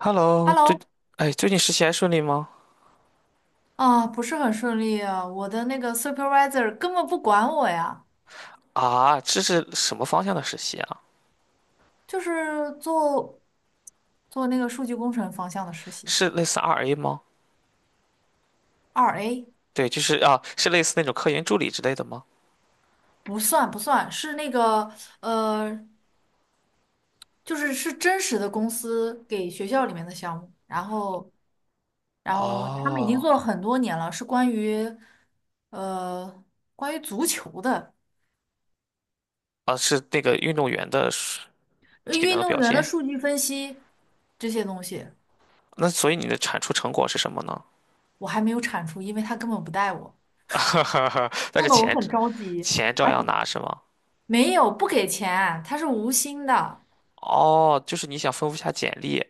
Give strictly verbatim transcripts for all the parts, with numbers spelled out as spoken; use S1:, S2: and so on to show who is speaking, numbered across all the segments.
S1: Hello，最，
S2: Hello，
S1: 哎，最近实习还顺利吗？
S2: 啊，不是很顺利啊，我的那个 supervisor 根本不管我呀，
S1: 啊，这是什么方向的实习啊？
S2: 就是做做那个数据工程方向的实习，
S1: 是类似 R A 吗？
S2: 二 A
S1: 对，就是啊，是类似那种科研助理之类的吗？
S2: 不算不算，是那个呃，就是是真实的公司给学校里面的项目，然后然后他们已经
S1: 哦，
S2: 做了很多年了，是关于呃关于足球的
S1: 啊，是那个运动员的水
S2: 呃
S1: 体
S2: 运
S1: 能
S2: 动
S1: 表
S2: 员的
S1: 现。
S2: 数据分析这些东西。
S1: 那所以你的产出成果是什么呢？
S2: 我还没有产出，因为他根本不带我。
S1: 但
S2: 弄
S1: 是
S2: 得我
S1: 钱，
S2: 很着急，
S1: 钱照
S2: 而且
S1: 样拿是吗？
S2: 没有不给钱，他是无薪的。
S1: 哦，就是你想丰富一下简历，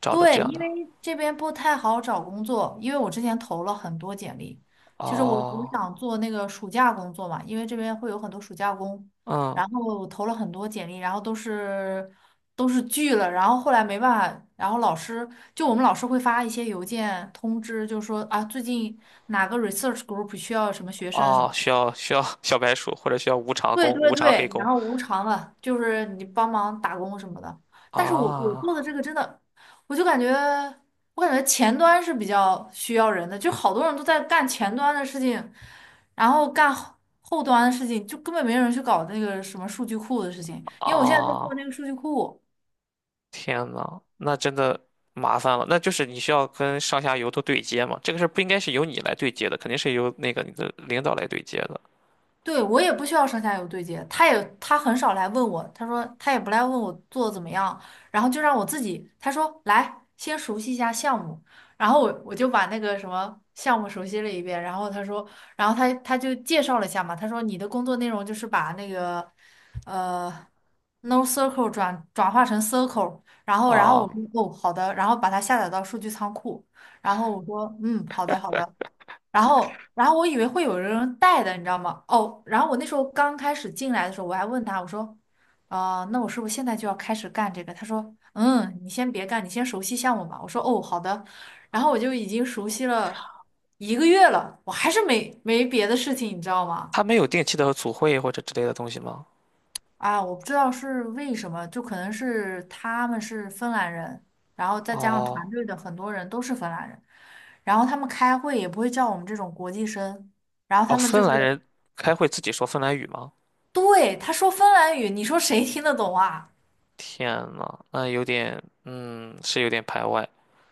S1: 找的
S2: 对，
S1: 这样
S2: 因
S1: 的。
S2: 为这边不太好找工作，因为我之前投了很多简历，就是我我
S1: 哦，
S2: 想做那个暑假工作嘛，因为这边会有很多暑假工，
S1: 嗯，
S2: 然后我投了很多简历，然后都是都是拒了，然后后来没办法，然后老师就我们老师会发一些邮件通知，就说啊最近哪个 research group 需要什么学生什
S1: 哦，
S2: 么。
S1: 需要需要小白鼠，或者需要无偿
S2: 对
S1: 工、
S2: 对
S1: 无偿黑
S2: 对，然
S1: 工
S2: 后无偿的，就是你帮忙打工什么的。但是我我
S1: 啊。
S2: 做的这个真的，我就感觉我感觉前端是比较需要人的，就好多人都在干前端的事情，然后干后后端的事情，就根本没人去搞那个什么数据库的事情。因为我现在在做
S1: 啊，
S2: 那个数据库，
S1: 天呐，那真的麻烦了。那就是你需要跟上下游都对接嘛，这个事儿不应该是由你来对接的，肯定是由那个你的领导来对接的。
S2: 对，我也不需要上下游对接，他也他很少来问我，他说他也不来问我做得怎么样，然后就让我自己，他说来先熟悉一下项目，然后我我就把那个什么项目熟悉了一遍，然后他说，然后他他就介绍了一下嘛，他说你的工作内容就是把那个呃 no circle 转转化成 circle，然后然后我
S1: 啊，
S2: 说哦好的，然后把它下载到数据仓库，然后我说嗯好的好的，然后，然后我以为会有人带的，你知道吗？哦，然后我那时候刚开始进来的时候，我还问他，我说，啊，那我是不是现在就要开始干这个？他说，嗯，你先别干，你先熟悉项目吧。我说，哦，好的。然后我就已经熟悉了一个月了，我还是没没别的事情，你知道吗？
S1: 他没有定期的组会或者之类的东西吗？
S2: 啊，我不知道是为什么，就可能是他们是芬兰人，然后再加上团
S1: 哦，
S2: 队的很多人都是芬兰人，然后他们开会也不会叫我们这种国际生，然后
S1: 哦，
S2: 他们就
S1: 芬
S2: 是。
S1: 兰人开会自己说芬兰语吗？
S2: 对，他说芬兰语，你说谁听得懂啊？
S1: 天呐，那有点，嗯，是有点排外。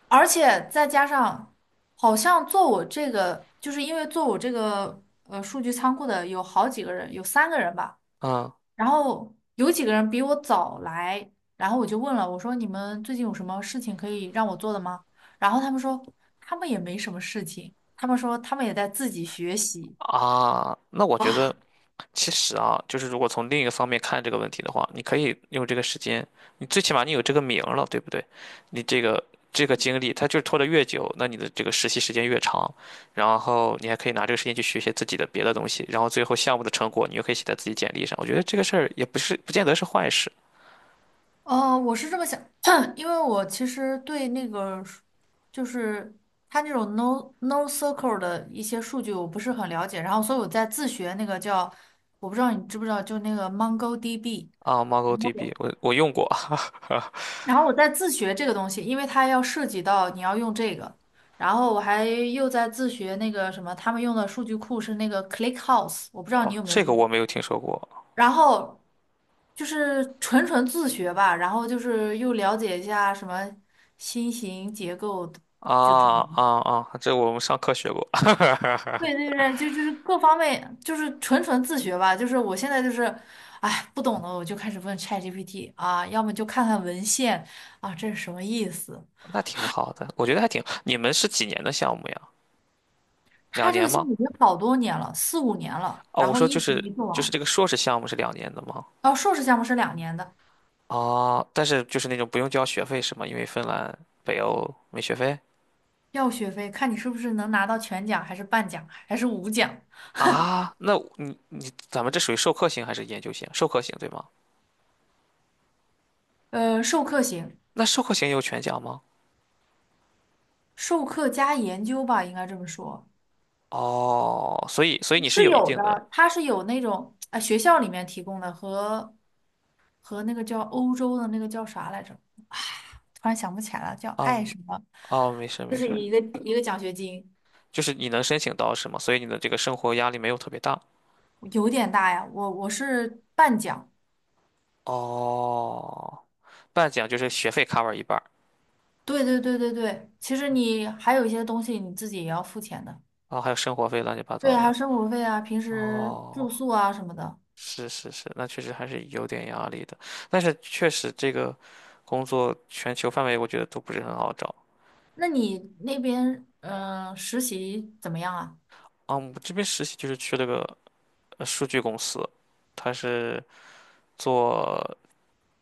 S2: 而且再加上，好像做我这个，就是因为做我这个呃数据仓库的有好几个人，有三个人吧，
S1: 嗯
S2: 然后有几个人比我早来，然后我就问了，我说你们最近有什么事情可以让我做的吗？然后他们说他们也没什么事情，他们说他们也在自己学习。
S1: 啊，那我觉得。其实啊，就是如果从另一个方面看这个问题的话，你可以用这个时间，你最起码你有这个名儿了，对不对？你这个这个经历，它就是拖得越久，那你的这个实习时间越长，然后你还可以拿这个时间去学一些自己的别的东西，然后最后项目的成果你又可以写在自己简历上。我觉得这个事儿也不是不见得是坏事
S2: 哦，我是这么想，因为我其实对那个数就是它那种 no no circle 的一些数据我不是很了解，然后所以我在自学那个叫我不知道你知不知道，就那个 MongoDB，
S1: 啊。
S2: 然后
S1: MongoDB
S2: 我
S1: 我我用过，
S2: 然后我在自学这个东西，因为它要涉及到你要用这个，然后我还又在自学那个什么，他们用的数据库是那个 ClickHouse，我不知道你
S1: 哦，
S2: 有没有
S1: 这个
S2: 用。
S1: 我没有听说过
S2: 然后就是纯纯自学吧，然后就是又了解一下什么新型结构的就这
S1: 啊
S2: 种。
S1: 啊啊，这我们上课学过，
S2: 对对对，就就是各方面就是纯纯自学吧。就是我现在就是，哎，不懂的我就开始问 ChatGPT 啊，要么就看看文献啊，这是什么意思？
S1: 那挺好的，我觉得还挺。你们是几年的项目呀？两
S2: 它这
S1: 年
S2: 个项
S1: 吗？
S2: 目已经好多年了，四五年了，
S1: 哦，
S2: 然
S1: 我
S2: 后
S1: 说
S2: 一
S1: 就
S2: 直
S1: 是
S2: 没做
S1: 就是
S2: 完。
S1: 这个硕士项目是两年的吗？
S2: 哦，硕士项目是两年的，
S1: 哦，但是就是那种不用交学费是吗？因为芬兰、北欧没学费
S2: 要学费，看你是不是能拿到全奖，还是半奖，还是五奖。
S1: 啊。那你咱们这属于授课型还是研究型？授课型对吗？
S2: 呃，授课型，
S1: 那授课型有全奖吗？
S2: 授课加研究吧，应该这么说。
S1: 哦，所以所以你是
S2: 是
S1: 有一
S2: 有
S1: 定的，
S2: 的，它是有那种啊、学校里面提供的和和那个叫欧洲的那个叫啥来着，突然想不起来了，叫爱
S1: 嗯，
S2: 什么，
S1: 哦，没事
S2: 就
S1: 没
S2: 是
S1: 事，
S2: 一个一个奖学金。
S1: 就是你能申请到是吗？所以你的这个生活压力没有特别大。
S2: 有点大呀。我我是半奖。
S1: 哦，半奖就是学费 cover 一半儿，
S2: 对对对对对，其实你还有一些东西你自己也要付钱的。
S1: 然后还有生活费乱七八
S2: 对
S1: 糟
S2: 啊，还
S1: 的。
S2: 有生活费啊，平时住
S1: 哦。
S2: 宿啊什么的。
S1: 是是是，那确实还是有点压力的。但是确实这个工作全球范围我觉得都不是很好找
S2: 那你那边嗯、呃实习怎么样啊？
S1: 啊。我这边实习就是去了个呃数据公司，他是做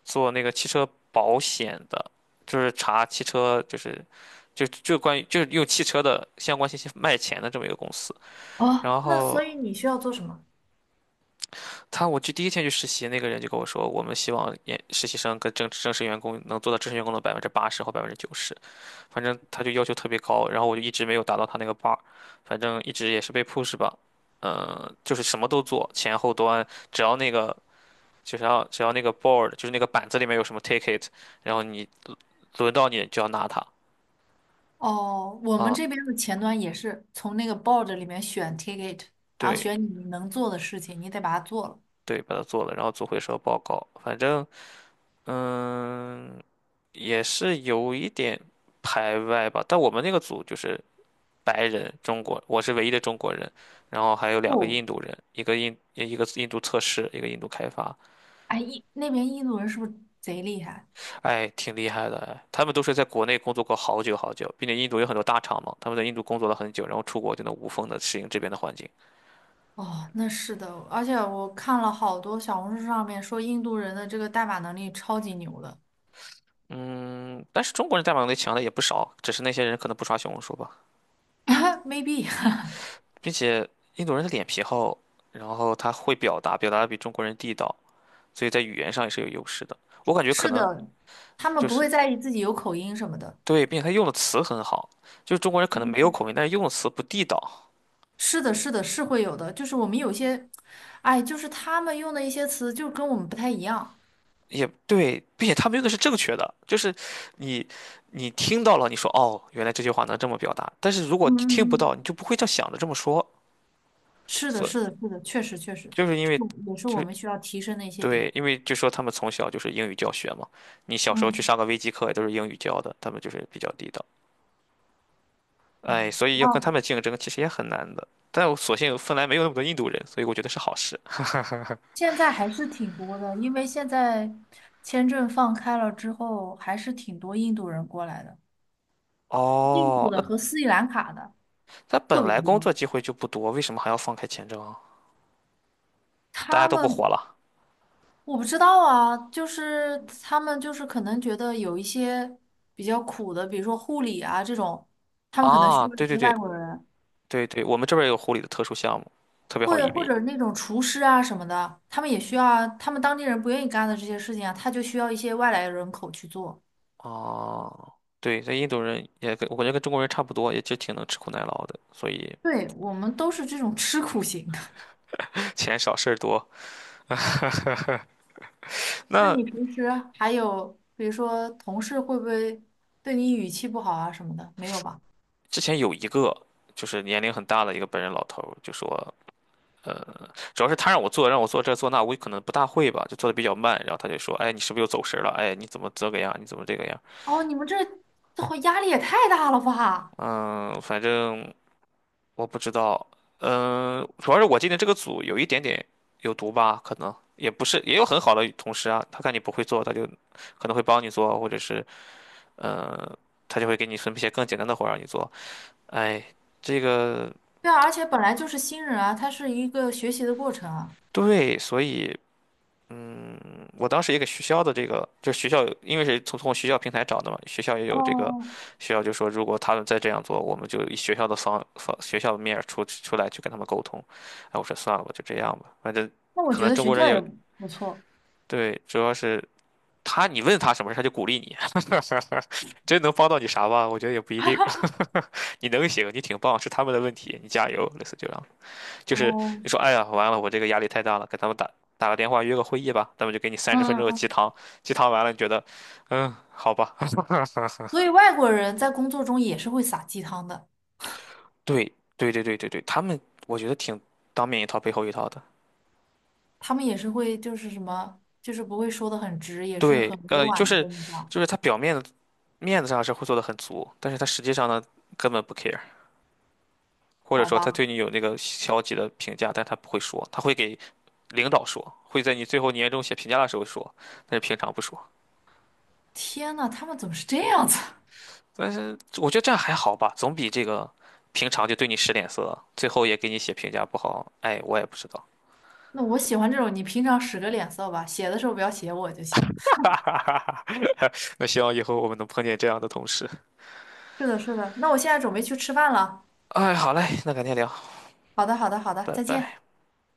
S1: 做那个汽车保险的，就是查汽车就是就就关于就是用汽车的相关信息卖钱的这么一个公司。
S2: 哦，
S1: 然
S2: 那
S1: 后
S2: 所以你需要做什么？
S1: 他我去第一天去实习，那个人就跟我说，我们希望研实习生跟正正式员工能做到正式员工的百分之八十或百分之九十。反正他就要求特别高，然后我就一直没有达到他那个 bar，反正一直也是被 push 吧，嗯、就是什么都做，前后端，只要那个就是要只要那个 board，就是那个板子里面有什么 ticket，然后你轮到你就要拿它，
S2: 哦，我们
S1: 啊、
S2: 这边的前端也是从那个 board 里面选 ticket，然后
S1: 对
S2: 选你能做的事情，你得把它做了。
S1: 对，把它做了，然后做回收报告，反正嗯、也是有一点排外吧，但我们那个组就是。白人，中国，我是唯一的中国人，然后还有两个
S2: 哦，
S1: 印度人，一个印一个印度测试，一个印度开发，
S2: 哎，印那边印度人是不是贼厉害？
S1: 哎，挺厉害的，哎，他们都是在国内工作过好久好久，并且印度有很多大厂嘛，他们在印度工作了很久，然后出国就能无缝的适应这边的环境。
S2: 哦，那是的，而且我看了好多小红书上面说印度人的这个代码能力超级牛的
S1: 嗯，但是中国人代码能力强的也不少，只是那些人可能不刷小红书吧，
S2: ，maybe
S1: 并且印度人的脸皮厚，然后他会表达，表达的比中国人地道，所以在语言上也是有优势的。我感觉可
S2: 是
S1: 能
S2: 的，他们
S1: 就
S2: 不
S1: 是。
S2: 会在意自己有口音什么的。
S1: 对，并且他用的词很好，就是中国人可能没有
S2: 嗯，
S1: 口音，但是用的词不地道，
S2: 是的，是的，是会有的，就是我们有些，哎，就是他们用的一些词就跟我们不太一样。
S1: 也对，并且他们用的是正确的，就是你你听到了，你说哦，原来这句话能这么表达，但是如果你听不到，
S2: 嗯，
S1: 你就不会这样想着这么说，
S2: 是的，
S1: 所以
S2: 是的，是的，确实确实
S1: 就是因
S2: 是，
S1: 为
S2: 也是
S1: 就
S2: 我
S1: 是
S2: 们需要提升的一些
S1: 对，
S2: 点。
S1: 因为就说他们从小就是英语教学嘛，你小时候去
S2: 嗯
S1: 上个微机课也都是英语教的，他们就是比较地道，
S2: 嗯，
S1: 哎，所以要跟
S2: 哦，
S1: 他们竞争其实也很难的，但我所幸芬兰没有那么多印度人，所以我觉得是好事。
S2: 现在还是挺多的，因为现在签证放开了之后，还是挺多印度人过来的，印度
S1: 哦，
S2: 的
S1: 那
S2: 和斯里兰卡的
S1: 他
S2: 特
S1: 本
S2: 别
S1: 来工
S2: 多。
S1: 作机会就不多，为什么还要放开签证啊？大家
S2: 他
S1: 都不活
S2: 们
S1: 了
S2: 我不知道啊，就是他们就是可能觉得有一些比较苦的，比如说护理啊这种，他们可能需
S1: 啊！
S2: 要
S1: 对
S2: 一
S1: 对
S2: 些
S1: 对
S2: 外国人。
S1: 对对，我们这边儿有护理的特殊项目，特别好
S2: 会
S1: 移
S2: 或
S1: 民。
S2: 者那种厨师啊什么的，他们也需要啊，他们当地人不愿意干的这些事情啊，他就需要一些外来人口去做。
S1: 啊！对，这印度人也跟我感觉跟中国人差不多，也就挺能吃苦耐劳的，所以
S2: 对，我们都是这种吃苦型的。
S1: 钱少事儿多。
S2: 那
S1: 那
S2: 你平时还有，比如说同事会不会对你语气不好啊什么的？没有吧？
S1: 之前有一个就是年龄很大的一个本人老头儿就说，呃，主要是他让我做，让我做这做那，我可能不大会吧，就做的比较慢。然后他就说，哎，你是不是又走神儿了？哎，你怎么这个样？你怎么这个样？
S2: 哦，你们这这会压力也太大了吧？
S1: 嗯，反正。我不知道，嗯，主要是我进的这个组有一点点有毒吧，可能也不是，也有很好的同事啊，他看你不会做，他就可能会帮你做，或者是呃，他就会给你分配一些更简单的活儿让你做。哎，这个
S2: 对啊，而且本来就是新人啊，他是一个学习的过程啊。
S1: 对，所以我当时也给学校的这个，就是学校因为是从从学校平台找的嘛，学校也有这个，
S2: 哦，
S1: 学校就说如果他们再这样做，我们就以学校的方方学校的面儿出出来去跟他们沟通。哎，我说算了吧，就这样吧，反正。
S2: 那我
S1: 可
S2: 觉
S1: 能
S2: 得
S1: 中
S2: 学
S1: 国人
S2: 校也
S1: 也
S2: 不错。
S1: 对，主要是他，你问他什么事，他就鼓励你，真能帮到你啥吧？我觉得也不一定。你能行，你挺棒，是他们的问题，你加油，类似这样。就是
S2: 哦，
S1: 你说，哎呀，完了，我这个压力太大了，给他们打打个电话，约个会议吧，他们就给你三十分
S2: 嗯
S1: 钟的鸡
S2: 嗯，
S1: 汤，鸡汤完了，你觉得，嗯，好吧。
S2: 所以 外国人在工作中也是会撒鸡汤的。
S1: 对，对，对，对，对，对，他们我觉得挺当面一套背后一套的。
S2: 他们也是会就是什么，就是不会说的很直，也是
S1: 对，
S2: 很委
S1: 呃，就
S2: 婉的
S1: 是
S2: 跟你讲，
S1: 就是他表面的面子上是会做的很足，但是他实际上呢，根本不 care。或者
S2: 好
S1: 说他
S2: 吧？
S1: 对你有那个消极的评价，但他不会说，他会给领导说，会在你最后年终写评价的时候说，但是平常不说。
S2: 天呐，他们怎么是这样子？
S1: 但是我觉得这样还好吧，总比这个平常就对你使脸色，最后也给你写评价不好。哎，我也不知道。
S2: 那我喜欢这种，你平常使个脸色吧，写的时候不要写我就行。
S1: 那希望以后我们能碰见这样的同事。
S2: 是的，是的，那我现在准备去吃饭了。
S1: 哎，好嘞，那改天聊，
S2: 好的，好的，好的，
S1: 拜
S2: 再见。
S1: 拜。